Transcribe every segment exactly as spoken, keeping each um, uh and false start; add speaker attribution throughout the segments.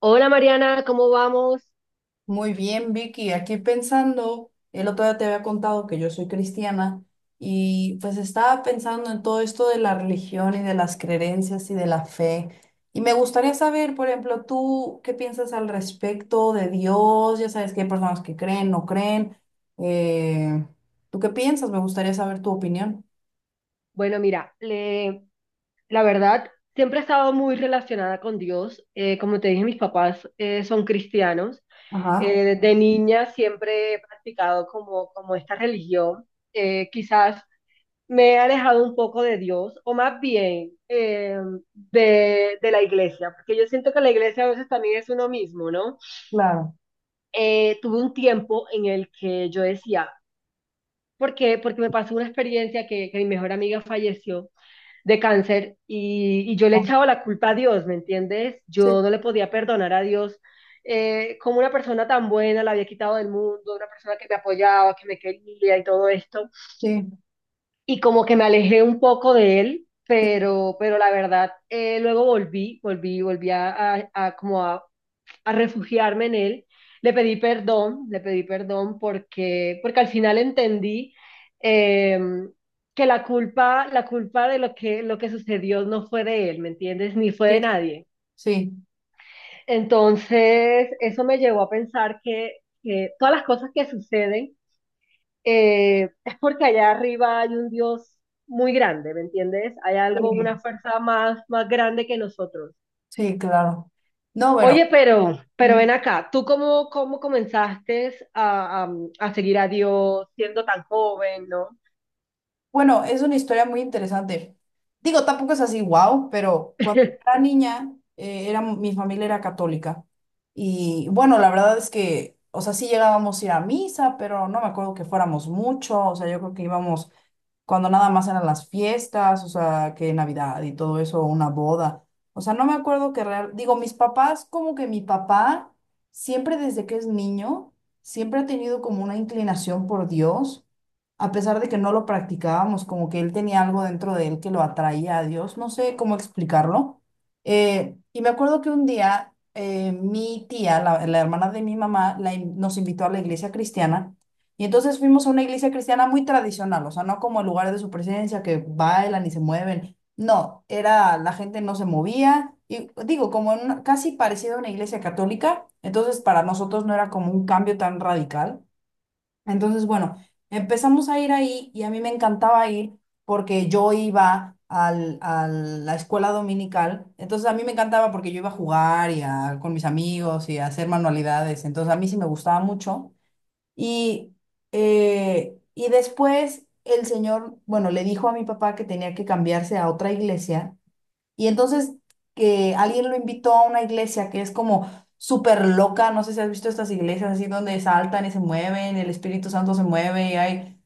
Speaker 1: Hola Mariana, ¿cómo vamos?
Speaker 2: Muy bien, Vicky. Aquí pensando, el otro día te había contado que yo soy cristiana y pues estaba pensando en todo esto de la religión y de las creencias y de la fe. Y me gustaría saber, por ejemplo, tú qué piensas al respecto de Dios. Ya sabes que hay personas que creen, no creen. Eh, ¿tú qué piensas? Me gustaría saber tu opinión.
Speaker 1: Bueno, mira, le- la verdad, siempre he estado muy relacionada con Dios. Eh, como te dije, mis papás eh, son cristianos.
Speaker 2: Ajá,
Speaker 1: Eh, desde niña siempre he practicado como, como esta religión. Eh, quizás me he alejado un poco de Dios, o más bien eh, de, de la iglesia, porque yo siento que la iglesia a veces también es uno mismo, ¿no?
Speaker 2: claro.
Speaker 1: Eh, tuve un tiempo en el que yo decía, ¿por qué? Porque me pasó una experiencia que que mi mejor amiga falleció de cáncer y, y yo le
Speaker 2: Ah,
Speaker 1: echaba la culpa a Dios, ¿me entiendes?
Speaker 2: sí,
Speaker 1: Yo no le podía perdonar a Dios eh, como una persona tan buena la había quitado del mundo, una persona que me apoyaba, que me quería y todo esto.
Speaker 2: sí,
Speaker 1: Y como que me alejé un poco de él,
Speaker 2: sí,
Speaker 1: pero, pero la verdad, eh, luego volví, volví, volví a, a, a como a, a refugiarme en él. Le pedí perdón, le pedí perdón porque, porque al final entendí eh, que la culpa, la culpa de lo que, lo que sucedió no fue de él, ¿me entiendes? Ni fue de
Speaker 2: sí,
Speaker 1: nadie.
Speaker 2: sí,
Speaker 1: Entonces, eso me llevó a pensar que, que todas las cosas que suceden eh, es porque allá arriba hay un Dios muy grande, ¿me entiendes? Hay algo, una fuerza más, más grande que nosotros.
Speaker 2: sí, claro. No, bueno.
Speaker 1: Oye, pero, pero ven acá, ¿tú cómo, cómo comenzaste a, a- a seguir a Dios siendo tan joven, ¿no?
Speaker 2: Bueno, es una historia muy interesante. Digo, tampoco es así, wow, pero cuando era niña, eh, era, mi familia era católica. Y bueno, la verdad es que, o sea, sí llegábamos a ir a misa, pero no me acuerdo que fuéramos mucho. O sea, yo creo que íbamos cuando nada más eran las fiestas, o sea, que Navidad y todo eso, una boda. O sea, no me acuerdo que real. Digo, mis papás, como que mi papá, siempre desde que es niño, siempre ha tenido como una inclinación por Dios a pesar de que no lo practicábamos, como que él tenía algo dentro de él que lo atraía a Dios, no sé cómo explicarlo. Eh, y me acuerdo que un día eh, mi tía, la, la hermana de mi mamá, la in- nos invitó a la iglesia cristiana. Y entonces fuimos a una iglesia cristiana muy tradicional, o sea, no como el lugar de su presencia, que bailan y se mueven. No, era, la gente no se movía, y digo, como en una- casi parecido a una iglesia católica, entonces para nosotros no era como un cambio tan radical. Entonces, bueno, empezamos a ir ahí y a mí me encantaba ir porque yo iba al, a la escuela dominical. Entonces, a mí me encantaba porque yo iba a jugar y a, con mis amigos y a hacer manualidades. Entonces, a mí sí me gustaba mucho. Y, eh, y después el señor, bueno, le dijo a mi papá que tenía que cambiarse a otra iglesia y entonces que alguien lo invitó a una iglesia que es como súper loca, no sé si has visto estas iglesias así donde saltan y se mueven, el Espíritu Santo se mueve y hay,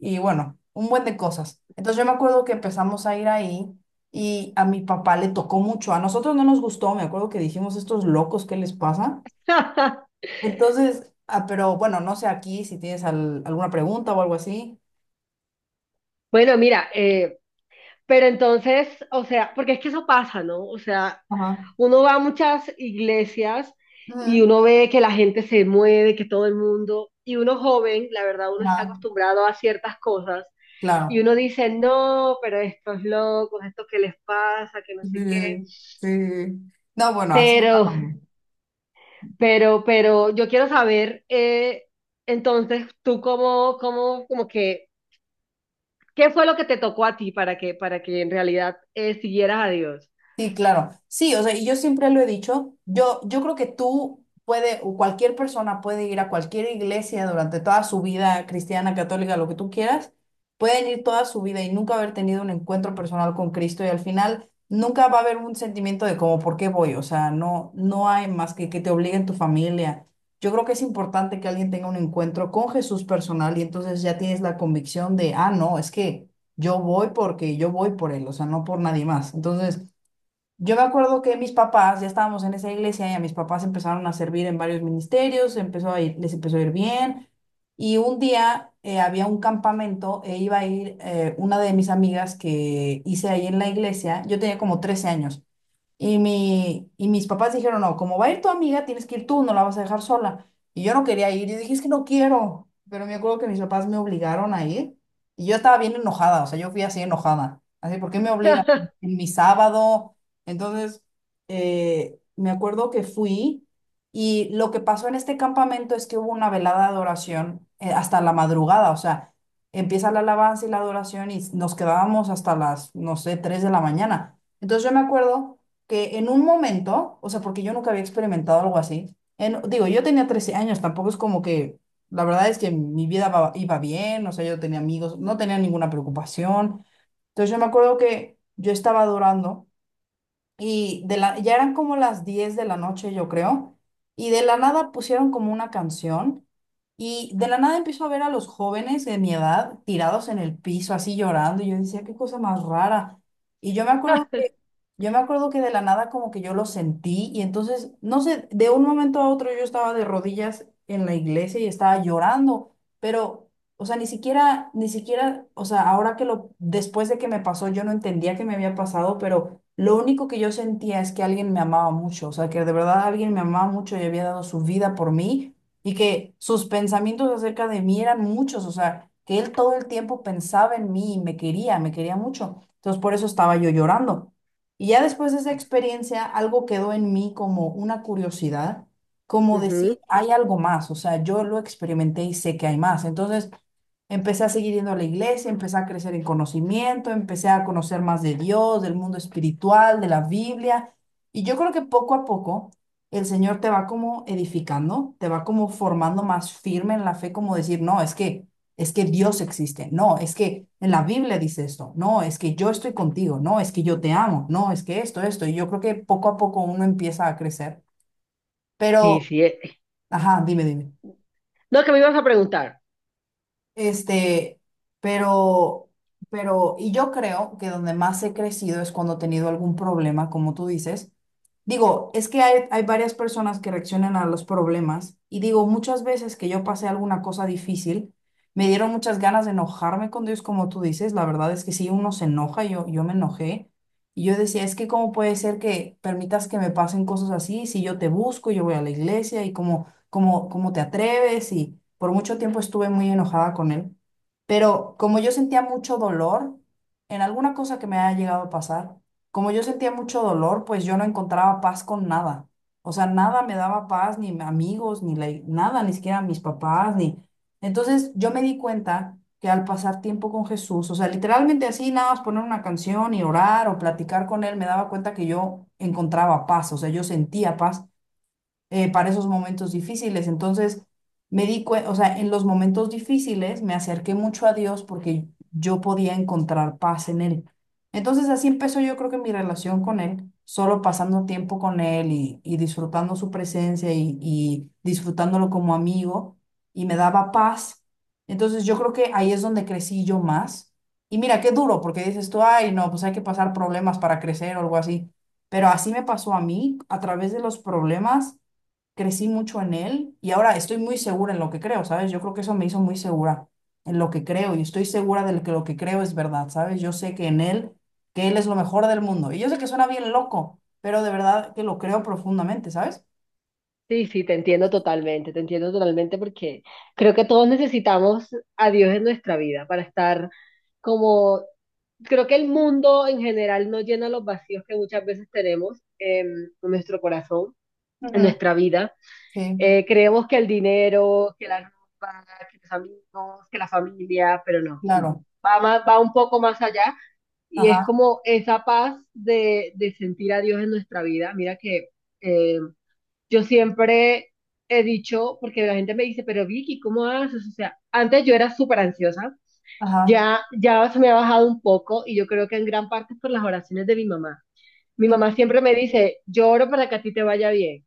Speaker 2: y bueno, un buen de cosas. Entonces yo me acuerdo que empezamos a ir ahí y a mi papá le tocó mucho, a nosotros no nos gustó, me acuerdo que dijimos estos locos, ¿qué les pasa? Entonces, ah, pero bueno, no sé aquí si tienes al- alguna pregunta o algo así.
Speaker 1: Bueno, mira, eh, pero entonces, o sea, porque es que eso pasa, ¿no? O sea,
Speaker 2: Ajá.
Speaker 1: uno va a muchas iglesias y
Speaker 2: Ujú.
Speaker 1: uno ve que la gente se mueve, que todo el mundo, y uno joven, la verdad, uno está
Speaker 2: Ah,
Speaker 1: acostumbrado a ciertas cosas y
Speaker 2: claro.
Speaker 1: uno dice, no, pero estos locos, estos que les pasa, que no
Speaker 2: Sí,
Speaker 1: sé qué.
Speaker 2: sí, sí. No, bueno, así
Speaker 1: Pero
Speaker 2: estábamos.
Speaker 1: Pero, pero yo quiero saber, eh, entonces, tú cómo, cómo, como que, ¿qué fue lo que te tocó a ti para que, para que en realidad eh, siguieras a Dios?
Speaker 2: Sí, claro. Sí, o sea, y yo siempre lo he dicho, yo, yo creo que tú puede, o cualquier persona puede ir a cualquier iglesia durante toda su vida, cristiana, católica, lo que tú quieras, pueden ir toda su vida y nunca haber tenido un encuentro personal con Cristo y al final nunca va a haber un sentimiento de como, ¿por qué voy? O sea, no, no hay más que que te obliguen tu familia. Yo creo que es importante que alguien tenga un encuentro con Jesús personal y entonces ya tienes la convicción de, ah, no, es que yo voy porque yo voy por él, o sea, no por nadie más. Entonces... Yo me acuerdo que mis papás, ya estábamos en esa iglesia y a mis papás empezaron a servir en varios ministerios, empezó a ir- les empezó a ir bien. Y un día eh, había un campamento e iba a ir eh, una de mis amigas que hice ahí en la iglesia. Yo tenía como trece años. Y, mi, y mis papás dijeron, no, como va a ir tu amiga, tienes que ir tú, no la vas a dejar sola. Y yo no quería ir, yo dije, es que no quiero. Pero me acuerdo que mis papás me obligaron a ir y yo estaba bien enojada, o sea, yo fui así enojada. Así, ¿por qué me obligan en mi sábado? Entonces, eh, me acuerdo que fui y lo que pasó en este campamento es que hubo una velada de adoración eh, hasta la madrugada, o sea, empieza la alabanza y la adoración y nos quedábamos hasta las, no sé, tres de la mañana. Entonces yo me acuerdo que en un momento, o sea, porque yo nunca había experimentado algo así, en- digo, yo tenía trece años, tampoco es como que, la verdad es que mi vida va- iba bien, o sea, yo tenía amigos, no tenía ninguna preocupación. Entonces yo me acuerdo que yo estaba adorando y de la, ya eran como las diez de la noche, yo creo. Y de la nada pusieron como una canción. Y de la nada empiezo a ver a los jóvenes de mi edad tirados en el piso, así llorando. Y yo decía, qué cosa más rara. Y yo me acuerdo que, yo me acuerdo que de la nada como que yo lo sentí. Y entonces, no sé, de un momento a otro yo estaba de rodillas en la iglesia y estaba llorando. Pero, o sea, ni siquiera, ni siquiera, o sea, ahora que lo, después de que me pasó, yo no entendía que me había pasado, pero lo único que yo sentía es que alguien me amaba mucho, o sea, que de verdad alguien me amaba mucho y había dado su vida por mí y que sus pensamientos acerca de mí eran muchos, o sea, que él todo el tiempo pensaba en mí y me quería, me quería mucho. Entonces por eso estaba yo llorando. Y ya después de esa experiencia, algo quedó en mí como una curiosidad, como
Speaker 1: Ujú.
Speaker 2: decir, hay algo más, o sea, yo lo experimenté y sé que hay más. Entonces... Empecé a seguir yendo a la iglesia, empecé a crecer en conocimiento, empecé a conocer más de Dios, del mundo espiritual, de la Biblia. Y yo creo que poco a poco el Señor te va como edificando, te va como formando más firme en la fe, como decir, no, es que es que Dios existe, no, es que en la Biblia dice esto, no, es que yo estoy contigo, no, es que yo te amo, no, es que esto, esto. Y yo creo que poco a poco uno empieza a crecer.
Speaker 1: Sí,
Speaker 2: Pero,
Speaker 1: sí. eh.
Speaker 2: ajá, dime, dime.
Speaker 1: No, que me ibas a preguntar.
Speaker 2: Este, pero, pero, y yo creo que donde más he crecido es cuando he tenido algún problema, como tú dices. Digo, es que hay, hay varias personas que reaccionan a los problemas y digo, muchas veces que yo pasé alguna cosa difícil, me dieron muchas ganas de enojarme con Dios, como tú dices. La verdad es que si uno se enoja, yo, yo me enojé. Y yo decía, es que cómo puede ser que permitas que me pasen cosas así si yo te busco, yo voy a la iglesia y como ¿Cómo, cómo te atreves? Y por mucho tiempo estuve muy enojada con él. Pero como yo sentía mucho dolor en alguna cosa que me haya llegado a pasar, como yo sentía mucho dolor, pues yo no encontraba paz con nada. O sea, nada me daba paz, ni amigos, ni la- nada, ni siquiera mis papás, ni... Entonces yo me di cuenta que al pasar tiempo con Jesús, o sea, literalmente así, nada más poner una canción y orar o platicar con él, me daba cuenta que yo encontraba paz, o sea, yo sentía paz eh, para esos momentos difíciles. Entonces, me di cuenta, o sea, en los momentos difíciles me acerqué mucho a Dios porque yo podía encontrar paz en Él. Entonces, así empezó yo creo que mi relación con Él, solo pasando tiempo con Él y, y disfrutando su presencia y, y disfrutándolo como amigo y me daba paz. Entonces, yo creo que ahí es donde crecí yo más. Y mira, qué duro, porque dices tú, ay, no, pues hay que pasar problemas para crecer o algo así. Pero así me pasó a mí, a través de los problemas crecí mucho en él y ahora estoy muy segura en lo que creo, ¿sabes? Yo creo que eso me hizo muy segura en lo que creo y estoy segura de que lo que creo es verdad, ¿sabes? Yo sé que en él, que él es lo mejor del mundo. Y yo sé que suena bien loco, pero de verdad que lo creo profundamente, ¿sabes?
Speaker 1: Sí, sí, te entiendo totalmente, te entiendo totalmente porque creo que todos necesitamos a Dios en nuestra vida para estar como, creo que el mundo en general no llena los vacíos que muchas veces tenemos em, en nuestro corazón, en nuestra vida.
Speaker 2: Sí,
Speaker 1: Eh, creemos que el dinero, que la ropa, que los amigos, que la familia, pero no, no.
Speaker 2: claro.
Speaker 1: Va, más- va un poco más allá y es
Speaker 2: Ajá,
Speaker 1: como esa paz de, de sentir a Dios en nuestra vida. Mira que eh, yo siempre he dicho, porque la gente me dice, pero Vicky, ¿cómo haces? O sea, antes yo era súper ansiosa,
Speaker 2: ajá.
Speaker 1: ya, ya se me ha bajado un poco y yo creo que en gran parte es por las oraciones de mi mamá. Mi mamá
Speaker 2: Mm.
Speaker 1: siempre me dice, yo oro para que a ti te vaya bien.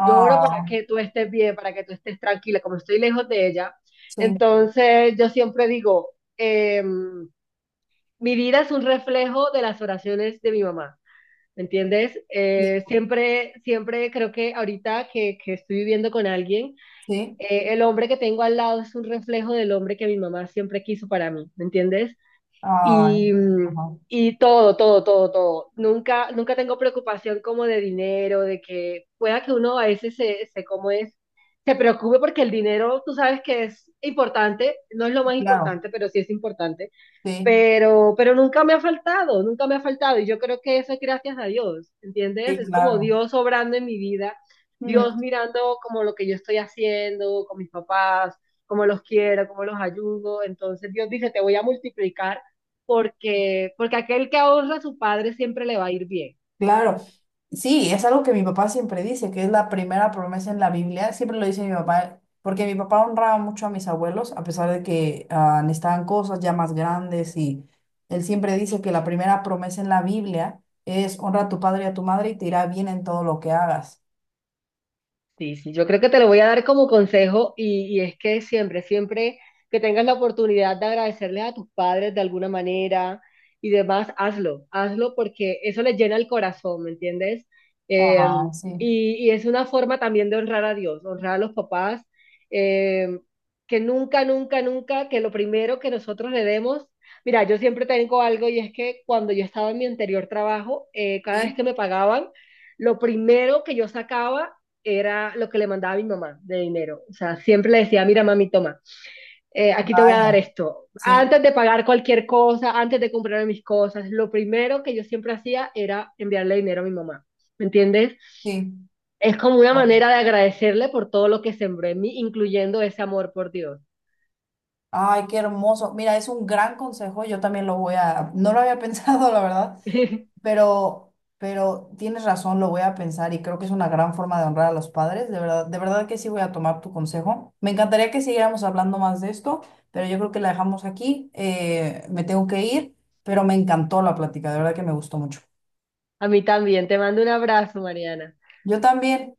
Speaker 1: Yo oro para que tú estés bien, para que tú estés tranquila, como estoy lejos de ella.
Speaker 2: sí,
Speaker 1: Entonces, yo siempre digo, em, mi vida es un reflejo de las oraciones de mi mamá, ¿me entiendes?
Speaker 2: sí,
Speaker 1: Eh, siempre, siempre creo que ahorita que, que estoy viviendo con alguien,
Speaker 2: sí.
Speaker 1: eh, el hombre que tengo al lado es un reflejo del hombre que mi mamá siempre quiso para mí, ¿me entiendes?
Speaker 2: Ay,
Speaker 1: y, mm,
Speaker 2: ajá.
Speaker 1: y todo, todo, todo, todo. Nunca, nunca tengo preocupación como de dinero, de que pueda que uno a veces se, se como es, se preocupe porque el dinero, tú sabes que es importante, no es lo
Speaker 2: Sí,
Speaker 1: más
Speaker 2: claro,
Speaker 1: importante, pero sí es importante
Speaker 2: sí,
Speaker 1: pero, pero nunca me ha faltado, nunca me ha faltado. Y yo creo que eso es gracias a Dios, ¿entiendes?
Speaker 2: sí,
Speaker 1: Es como
Speaker 2: claro.
Speaker 1: Dios obrando en mi vida,
Speaker 2: Mm.
Speaker 1: Dios mirando como lo que yo estoy haciendo con mis papás, cómo los quiero, cómo los ayudo. Entonces Dios dice, te voy a multiplicar porque, porque aquel que ahorra a su padre siempre le va a ir bien.
Speaker 2: Claro, sí, es algo que mi papá siempre dice, que es la primera promesa en la Biblia, siempre lo dice mi papá, porque mi papá honraba mucho a mis abuelos, a pesar de que ah, necesitaban cosas ya más grandes, y él siempre dice que la primera promesa en la Biblia es honra a tu padre y a tu madre y te irá bien en todo lo que hagas.
Speaker 1: Sí, sí, yo creo que te lo voy a dar como consejo y, y es que siempre, siempre que tengas la oportunidad de agradecerles a tus padres de alguna manera y demás, hazlo, hazlo porque eso les llena el corazón, ¿me entiendes? Eh,
Speaker 2: Ah, sí.
Speaker 1: y, y es una forma también de honrar a Dios, honrar a los papás, eh, que nunca, nunca, nunca, que lo primero que nosotros le demos, mira, yo siempre tengo algo y es que cuando yo estaba en mi anterior trabajo, eh, cada vez
Speaker 2: Sí,
Speaker 1: que me pagaban, lo primero que yo sacaba, era lo que le mandaba a mi mamá de dinero. O sea, siempre le decía, mira mami, toma, eh, aquí te voy a dar
Speaker 2: vaya,
Speaker 1: esto.
Speaker 2: sí,
Speaker 1: Antes de pagar cualquier cosa, antes de comprarme mis cosas, lo primero que yo siempre hacía era enviarle dinero a mi mamá. ¿Me entiendes?
Speaker 2: sí.
Speaker 1: Es como una manera de agradecerle por todo lo que sembró en mí, incluyendo ese amor por Dios.
Speaker 2: Ay, qué hermoso. Mira, es un gran consejo, yo también lo voy a, no lo había pensado, la verdad. Pero, pero tienes razón, lo voy a pensar y creo que es una gran forma de honrar a los padres. De verdad, de verdad que sí voy a tomar tu consejo. Me encantaría que siguiéramos hablando más de esto, pero yo creo que la dejamos aquí. Eh, me tengo que ir, pero me encantó la plática, de verdad que me gustó mucho.
Speaker 1: A mí también. Te mando un abrazo, Mariana.
Speaker 2: Yo también.